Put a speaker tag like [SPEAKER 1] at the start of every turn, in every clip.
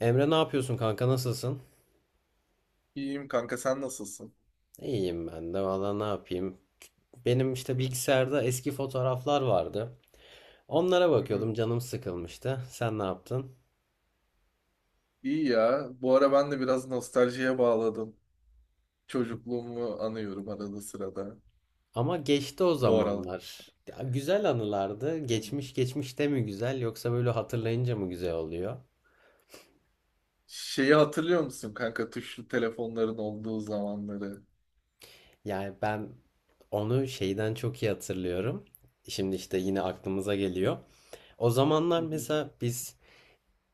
[SPEAKER 1] Emre ne yapıyorsun kanka, nasılsın?
[SPEAKER 2] İyiyim kanka, sen nasılsın?
[SPEAKER 1] İyiyim ben de valla, ne yapayım. Benim işte bilgisayarda eski fotoğraflar vardı. Onlara
[SPEAKER 2] Hı hı.
[SPEAKER 1] bakıyordum, canım sıkılmıştı. Sen ne yaptın?
[SPEAKER 2] İyi ya. Bu ara ben de biraz nostaljiye bağladım. Çocukluğumu anıyorum arada sırada.
[SPEAKER 1] Ama geçti o
[SPEAKER 2] Bu aralar.
[SPEAKER 1] zamanlar. Ya, güzel anılardı. Geçmiş geçmiş de mi güzel, yoksa böyle hatırlayınca mı güzel oluyor?
[SPEAKER 2] Şeyi hatırlıyor musun kanka, tuşlu telefonların olduğu zamanları?
[SPEAKER 1] Yani ben onu şeyden çok iyi hatırlıyorum. Şimdi işte yine aklımıza geliyor. O
[SPEAKER 2] Hı
[SPEAKER 1] zamanlar
[SPEAKER 2] hı.
[SPEAKER 1] mesela biz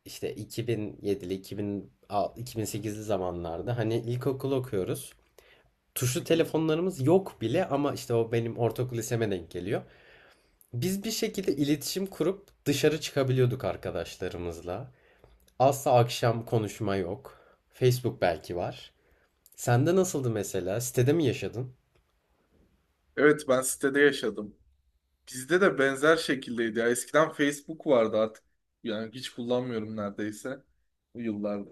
[SPEAKER 1] işte 2007'li, 2006, 2008'li zamanlarda hani ilkokul okuyoruz.
[SPEAKER 2] Hı
[SPEAKER 1] Tuşlu
[SPEAKER 2] hı.
[SPEAKER 1] telefonlarımız yok bile ama işte o benim ortaokul liseme denk geliyor. Biz bir şekilde iletişim kurup dışarı çıkabiliyorduk arkadaşlarımızla. Asla akşam konuşma yok. Facebook belki var. Sende nasıldı mesela? Sitede mi yaşadın?
[SPEAKER 2] Evet, ben sitede yaşadım. Bizde de benzer şekildeydi ya. Eskiden Facebook vardı artık. Yani hiç kullanmıyorum neredeyse. Bu yıllarda.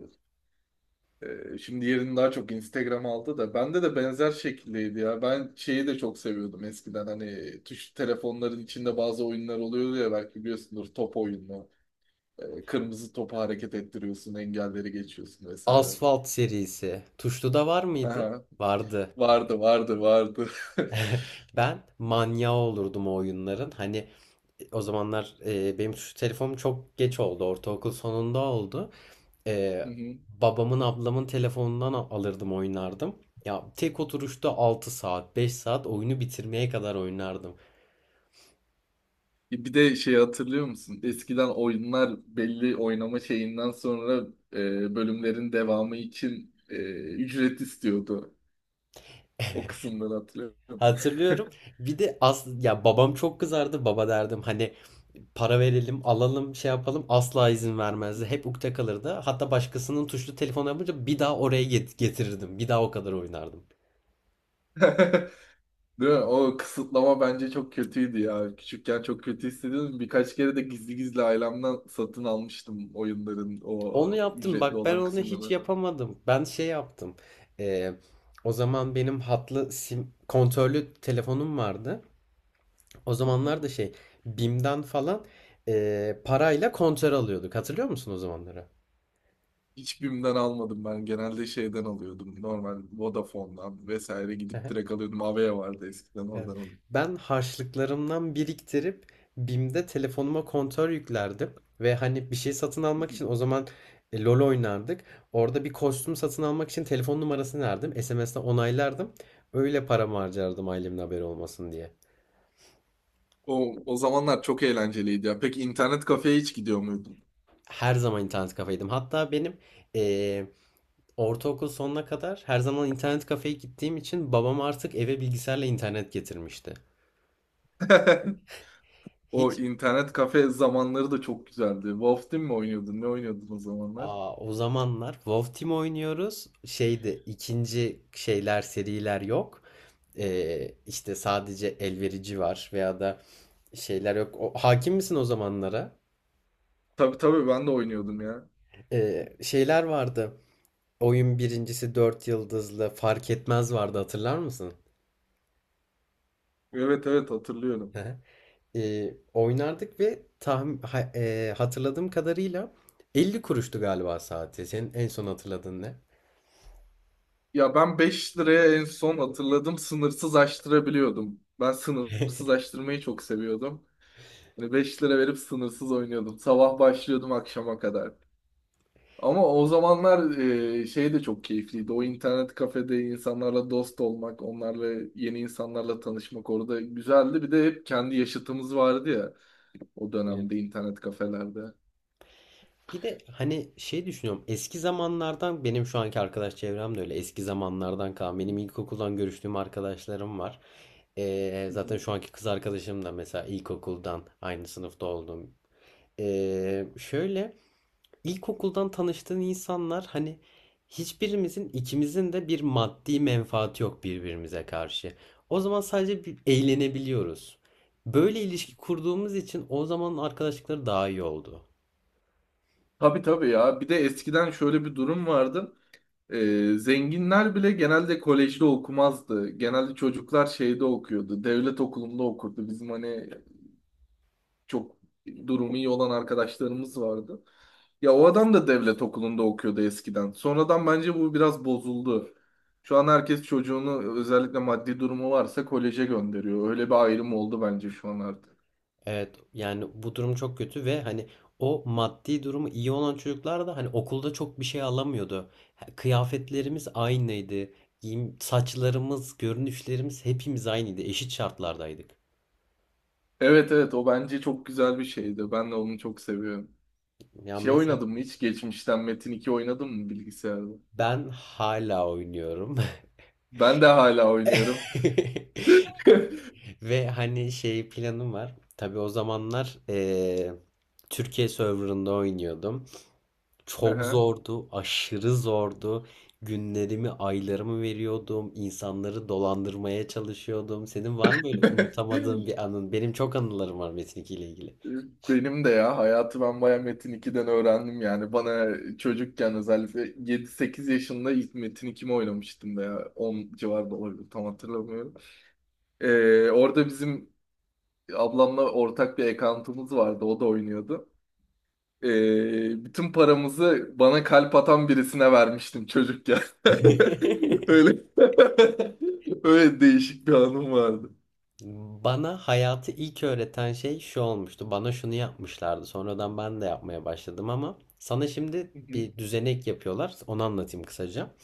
[SPEAKER 2] Şimdi yerini daha çok Instagram aldı da bende de benzer şekildeydi ya. Ben şeyi de çok seviyordum eskiden, hani tuş telefonların içinde bazı oyunlar oluyordu ya, belki biliyorsundur, top oyunu. Kırmızı topu hareket ettiriyorsun, engelleri geçiyorsun vesaire.
[SPEAKER 1] Asfalt serisi. Tuşlu'da var mıydı?
[SPEAKER 2] Aha,
[SPEAKER 1] Vardı.
[SPEAKER 2] vardı vardı vardı.
[SPEAKER 1] Ben manyağı olurdum o oyunların. Hani o zamanlar benim şu telefonum çok geç oldu. Ortaokul sonunda oldu. E,
[SPEAKER 2] Hı hı.
[SPEAKER 1] Babamın ablamın telefonundan alırdım, oynardım. Ya tek oturuşta 6 saat 5 saat oyunu bitirmeye kadar oynardım.
[SPEAKER 2] Bir de şey hatırlıyor musun? Eskiden oyunlar belli oynama şeyinden sonra bölümlerin devamı için ücret istiyordu. O kısımları hatırlıyor musun?
[SPEAKER 1] Hatırlıyorum. Bir de as ya, babam çok kızardı. Baba derdim, hani para verelim, alalım, şey yapalım. Asla izin vermezdi. Hep ukde kalırdı. Hatta başkasının tuşlu telefonu yapınca bir daha oraya getirirdim. Bir daha o kadar oynardım.
[SPEAKER 2] Değil mi? O kısıtlama bence çok kötüydü ya. Küçükken çok kötü hissediyordum. Birkaç kere de gizli gizli ailemden satın almıştım oyunların o
[SPEAKER 1] Onu yaptım.
[SPEAKER 2] ücretli
[SPEAKER 1] Bak, ben
[SPEAKER 2] olan
[SPEAKER 1] onu hiç
[SPEAKER 2] kısımları.
[SPEAKER 1] yapamadım. Ben şey yaptım. Ee, O zaman benim hatlı sim kontörlü telefonum vardı. O
[SPEAKER 2] Hı hı.
[SPEAKER 1] zamanlar da şey, BİM'den falan parayla kontör alıyorduk. Hatırlıyor musun o zamanları?
[SPEAKER 2] Hiç BİM'den almadım ben. Genelde şeyden alıyordum. Normal Vodafone'dan vesaire gidip direkt alıyordum. Avea vardı eskiden,
[SPEAKER 1] Evet.
[SPEAKER 2] oradan alıyordum.
[SPEAKER 1] Ben harçlıklarımdan biriktirip BİM'de telefonuma kontör yüklerdim. Ve hani bir şey satın
[SPEAKER 2] Hı
[SPEAKER 1] almak
[SPEAKER 2] hı.
[SPEAKER 1] için o zaman LoL oynardık. Orada bir kostüm satın almak için telefon numarasını verdim. SMS'le onaylardım. Öyle paramı harcardım, ailemin haberi olmasın diye.
[SPEAKER 2] O, o zamanlar çok eğlenceliydi ya. Peki internet kafeye hiç gidiyor muydun?
[SPEAKER 1] Her zaman internet kafeydim. Hatta benim e, ortaokul sonuna kadar her zaman internet kafeye gittiğim için babam artık eve bilgisayarla internet getirmişti.
[SPEAKER 2] O
[SPEAKER 1] Hiç
[SPEAKER 2] internet kafe zamanları da çok güzeldi. Wolf Team mi oynuyordun? Ne oynuyordun o zamanlar?
[SPEAKER 1] Aa, o zamanlar WoW Team oynuyoruz. Şeyde ikinci şeyler, seriler yok. İşte sadece elverici var veya da şeyler yok. O, hakim misin o zamanlara?
[SPEAKER 2] Tabii tabii, ben de oynuyordum ya.
[SPEAKER 1] Şeyler vardı. Oyun birincisi, 4 yıldızlı fark etmez vardı, hatırlar mısın?
[SPEAKER 2] Evet evet, hatırlıyorum.
[SPEAKER 1] Oynardık ve tahmin, hatırladığım kadarıyla 50 kuruştu galiba saati. Senin en son hatırladığın
[SPEAKER 2] Ya, ben 5 liraya en son hatırladım, sınırsız açtırabiliyordum. Ben sınırsız açtırmayı çok seviyordum. Hani 5 lira verip sınırsız oynuyordum. Sabah başlıyordum akşama kadar. Ama o zamanlar şey de çok keyifliydi. O internet kafede insanlarla dost olmak, onlarla, yeni insanlarla tanışmak orada güzeldi. Bir de hep kendi yaşıtımız vardı ya, o
[SPEAKER 1] ne?
[SPEAKER 2] dönemde internet kafelerde. Hı
[SPEAKER 1] Bir de hani şey düşünüyorum, eski zamanlardan benim şu anki arkadaş çevrem de öyle eski zamanlardan kalan, benim ilkokuldan görüştüğüm arkadaşlarım var. Zaten
[SPEAKER 2] hı.
[SPEAKER 1] şu anki kız arkadaşım da mesela ilkokuldan aynı sınıfta olduğum. Şöyle, ilkokuldan tanıştığın insanlar, hani hiçbirimizin, ikimizin de bir maddi menfaati yok birbirimize karşı. O zaman sadece bir eğlenebiliyoruz. Böyle ilişki kurduğumuz için o zaman arkadaşlıkları daha iyi oldu.
[SPEAKER 2] Tabii tabii ya. Bir de eskiden şöyle bir durum vardı. Zenginler bile genelde kolejde okumazdı. Genelde çocuklar şeyde okuyordu. Devlet okulunda okurdu. Bizim hani çok durumu iyi olan arkadaşlarımız vardı. Ya, o adam da devlet okulunda okuyordu eskiden. Sonradan bence bu biraz bozuldu. Şu an herkes çocuğunu, özellikle maddi durumu varsa, koleje gönderiyor. Öyle bir ayrım oldu bence şu an artık.
[SPEAKER 1] Evet, yani bu durum çok kötü ve hani o maddi durumu iyi olan çocuklar da hani okulda çok bir şey alamıyordu. Kıyafetlerimiz aynıydı. Giyim, saçlarımız, görünüşlerimiz hepimiz aynıydı. Eşit şartlardaydık.
[SPEAKER 2] Evet evet, o bence çok güzel bir şeydi. Ben de onu çok seviyorum.
[SPEAKER 1] Yani
[SPEAKER 2] Şey
[SPEAKER 1] mesela
[SPEAKER 2] oynadın mı hiç? Geçmişten Metin iki oynadın mı bilgisayarda?
[SPEAKER 1] ben hala oynuyorum.
[SPEAKER 2] Ben de hala oynuyorum.
[SPEAKER 1] Ve hani şey, planım var. Tabii o zamanlar Türkiye serverında oynuyordum. Çok
[SPEAKER 2] Aha.
[SPEAKER 1] zordu, aşırı zordu. Günlerimi, aylarımı veriyordum. İnsanları dolandırmaya çalışıyordum. Senin var mı böyle unutamadığın bir anın? Benim çok anılarım var Metin 2 ile ilgili.
[SPEAKER 2] Benim de ya, hayatı ben baya Metin 2'den öğrendim yani. Bana çocukken, özellikle yedi sekiz yaşında ilk Metin 2 oynamıştım da ya. 10 civarında olabilir, tam hatırlamıyorum. Orada bizim ablamla ortak bir account'umuz vardı, o da oynuyordu. Bütün paramızı bana kalp atan birisine vermiştim çocukken. Öyle öyle değişik bir anım vardı.
[SPEAKER 1] Bana hayatı ilk öğreten şey şu olmuştu. Bana şunu yapmışlardı. Sonradan ben de yapmaya başladım ama sana şimdi
[SPEAKER 2] Hı hı,
[SPEAKER 1] bir düzenek yapıyorlar. Onu anlatayım kısaca.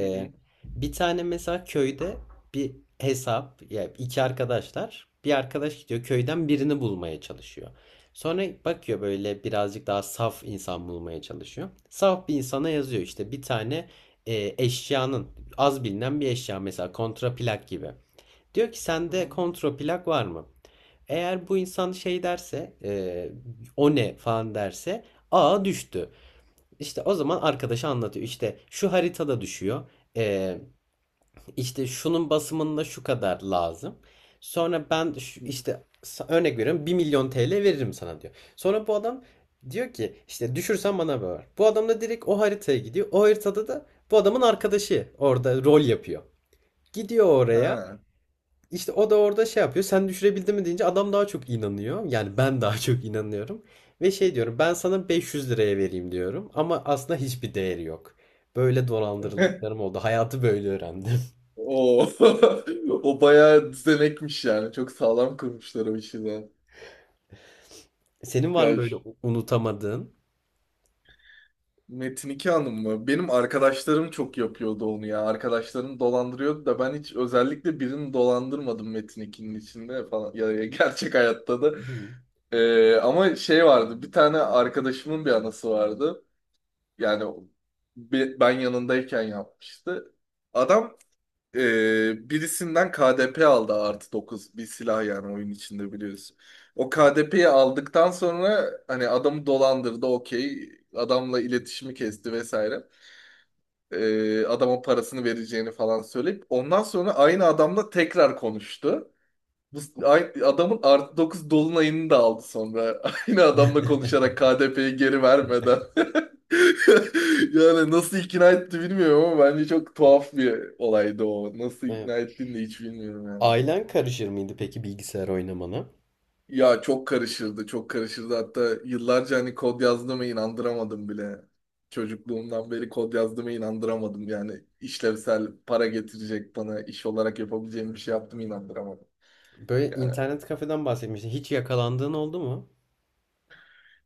[SPEAKER 2] hı hı,
[SPEAKER 1] Bir tane mesela köyde bir hesap, ya iki arkadaşlar, bir arkadaş gidiyor köyden birini bulmaya çalışıyor. Sonra bakıyor böyle birazcık daha saf insan bulmaya çalışıyor. Saf bir insana yazıyor, işte bir tane eşyanın, az bilinen bir eşya, mesela kontraplak gibi. Diyor ki
[SPEAKER 2] hı
[SPEAKER 1] sende
[SPEAKER 2] hı.
[SPEAKER 1] kontraplak var mı? Eğer bu insan şey derse, o ne falan derse, aa düştü. İşte o zaman arkadaşı anlatıyor. İşte şu haritada düşüyor. Ee, işte şunun basımında şu kadar lazım. Sonra ben örnek veriyorum, 1 milyon TL veririm sana diyor. Sonra bu adam diyor ki işte düşürsen bana ver. Bu adam da direkt o haritaya gidiyor. O haritada da bu adamın arkadaşı orada rol yapıyor. Gidiyor oraya.
[SPEAKER 2] Ha.
[SPEAKER 1] İşte o da orada şey yapıyor. Sen düşürebildin mi deyince adam daha çok inanıyor. Yani ben daha çok inanıyorum. Ve şey diyorum, ben sana 500 liraya vereyim diyorum. Ama aslında hiçbir değeri yok. Böyle dolandırıldıklarım oldu. Hayatı böyle öğrendim.
[SPEAKER 2] O o bayağı düzenekmiş yani. Çok sağlam kurmuşlar o işi de.
[SPEAKER 1] Senin var mı
[SPEAKER 2] Ya
[SPEAKER 1] böyle unutamadığın?
[SPEAKER 2] Metin iki Hanım mı? Benim arkadaşlarım çok yapıyordu onu ya. Arkadaşlarım dolandırıyordu da ben hiç özellikle birini dolandırmadım Metin 2'nin içinde falan. Ya, ya gerçek hayatta da.
[SPEAKER 1] Hı.
[SPEAKER 2] Ama şey vardı. Bir tane arkadaşımın bir anası vardı. Yani ben yanındayken yapmıştı. Adam birisinden KDP aldı, artı 9 bir silah, yani oyun içinde biliyorsun. O KDP'yi aldıktan sonra hani adamı dolandırdı, okey, adamla iletişimi kesti vesaire. Adama parasını vereceğini falan söyleyip ondan sonra aynı adamla tekrar konuştu. Bu aynı adamın artı 9 dolunayını da aldı sonra. Aynı adamla konuşarak, KDP'yi geri vermeden. Yani nasıl ikna etti bilmiyorum ama bence çok tuhaf bir olaydı o. Nasıl
[SPEAKER 1] Evet.
[SPEAKER 2] ikna ettiğini de hiç bilmiyorum yani.
[SPEAKER 1] Ailen karışır mıydı peki bilgisayar oynamana?
[SPEAKER 2] Ya çok karışırdı, çok karışırdı. Hatta yıllarca hani kod yazdığıma inandıramadım bile. Çocukluğumdan beri kod yazdığıma inandıramadım. Yani işlevsel, para getirecek, bana iş olarak yapabileceğim bir şey yaptım, inandıramadım.
[SPEAKER 1] Böyle
[SPEAKER 2] Yani
[SPEAKER 1] internet kafeden bahsetmiştin. Hiç yakalandığın oldu mu?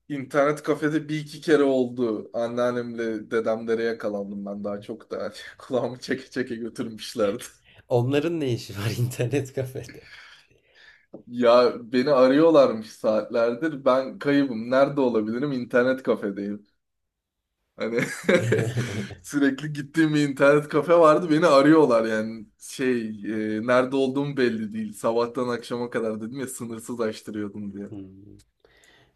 [SPEAKER 2] internet kafede bir iki kere oldu. Anneannemle dedemlere yakalandım ben daha çok da. Kulağımı çeke çeke götürmüşlerdi.
[SPEAKER 1] Onların ne işi var internet kafede?
[SPEAKER 2] Ya, beni arıyorlarmış saatlerdir. Ben kaybım. Nerede olabilirim? İnternet kafedeyim. Hani sürekli gittiğim bir internet kafe vardı. Beni arıyorlar yani. Şey, nerede olduğum belli değil. Sabahtan akşama kadar, dedim ya, sınırsız açtırıyordum diye.
[SPEAKER 1] Hmm.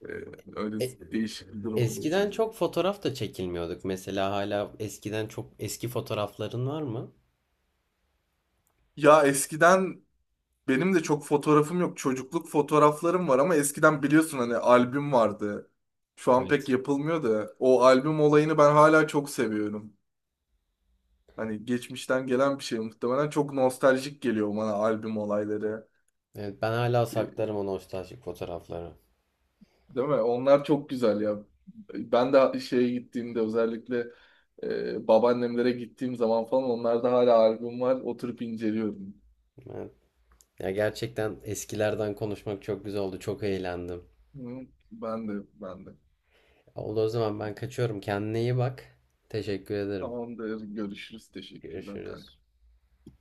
[SPEAKER 2] E, Öyle
[SPEAKER 1] E,
[SPEAKER 2] değişik bir durum olmuş.
[SPEAKER 1] Eskiden çok fotoğraf da çekilmiyorduk. Mesela hala eskiden çok eski fotoğrafların var mı?
[SPEAKER 2] Ya eskiden benim de çok fotoğrafım yok. Çocukluk fotoğraflarım var ama eskiden biliyorsun hani albüm vardı. Şu an pek
[SPEAKER 1] Evet.
[SPEAKER 2] yapılmıyor da o albüm olayını ben hala çok seviyorum. Hani geçmişten gelen bir şey, muhtemelen çok nostaljik geliyor bana albüm olayları.
[SPEAKER 1] Evet, ben hala
[SPEAKER 2] E,
[SPEAKER 1] saklarım o nostaljik fotoğrafları.
[SPEAKER 2] Değil mi? Onlar çok güzel ya. Ben de şeye gittiğimde, özellikle babaannemlere gittiğim zaman falan, onlarda hala albüm var. Oturup inceliyorum.
[SPEAKER 1] Evet. Ya gerçekten eskilerden konuşmak çok güzel oldu. Çok eğlendim.
[SPEAKER 2] Hı. Ben de ben de.
[SPEAKER 1] Oldu, o zaman ben kaçıyorum. Kendine iyi bak. Teşekkür ederim.
[SPEAKER 2] Tamamdır. Görüşürüz. Teşekkürler kanka.
[SPEAKER 1] Görüşürüz.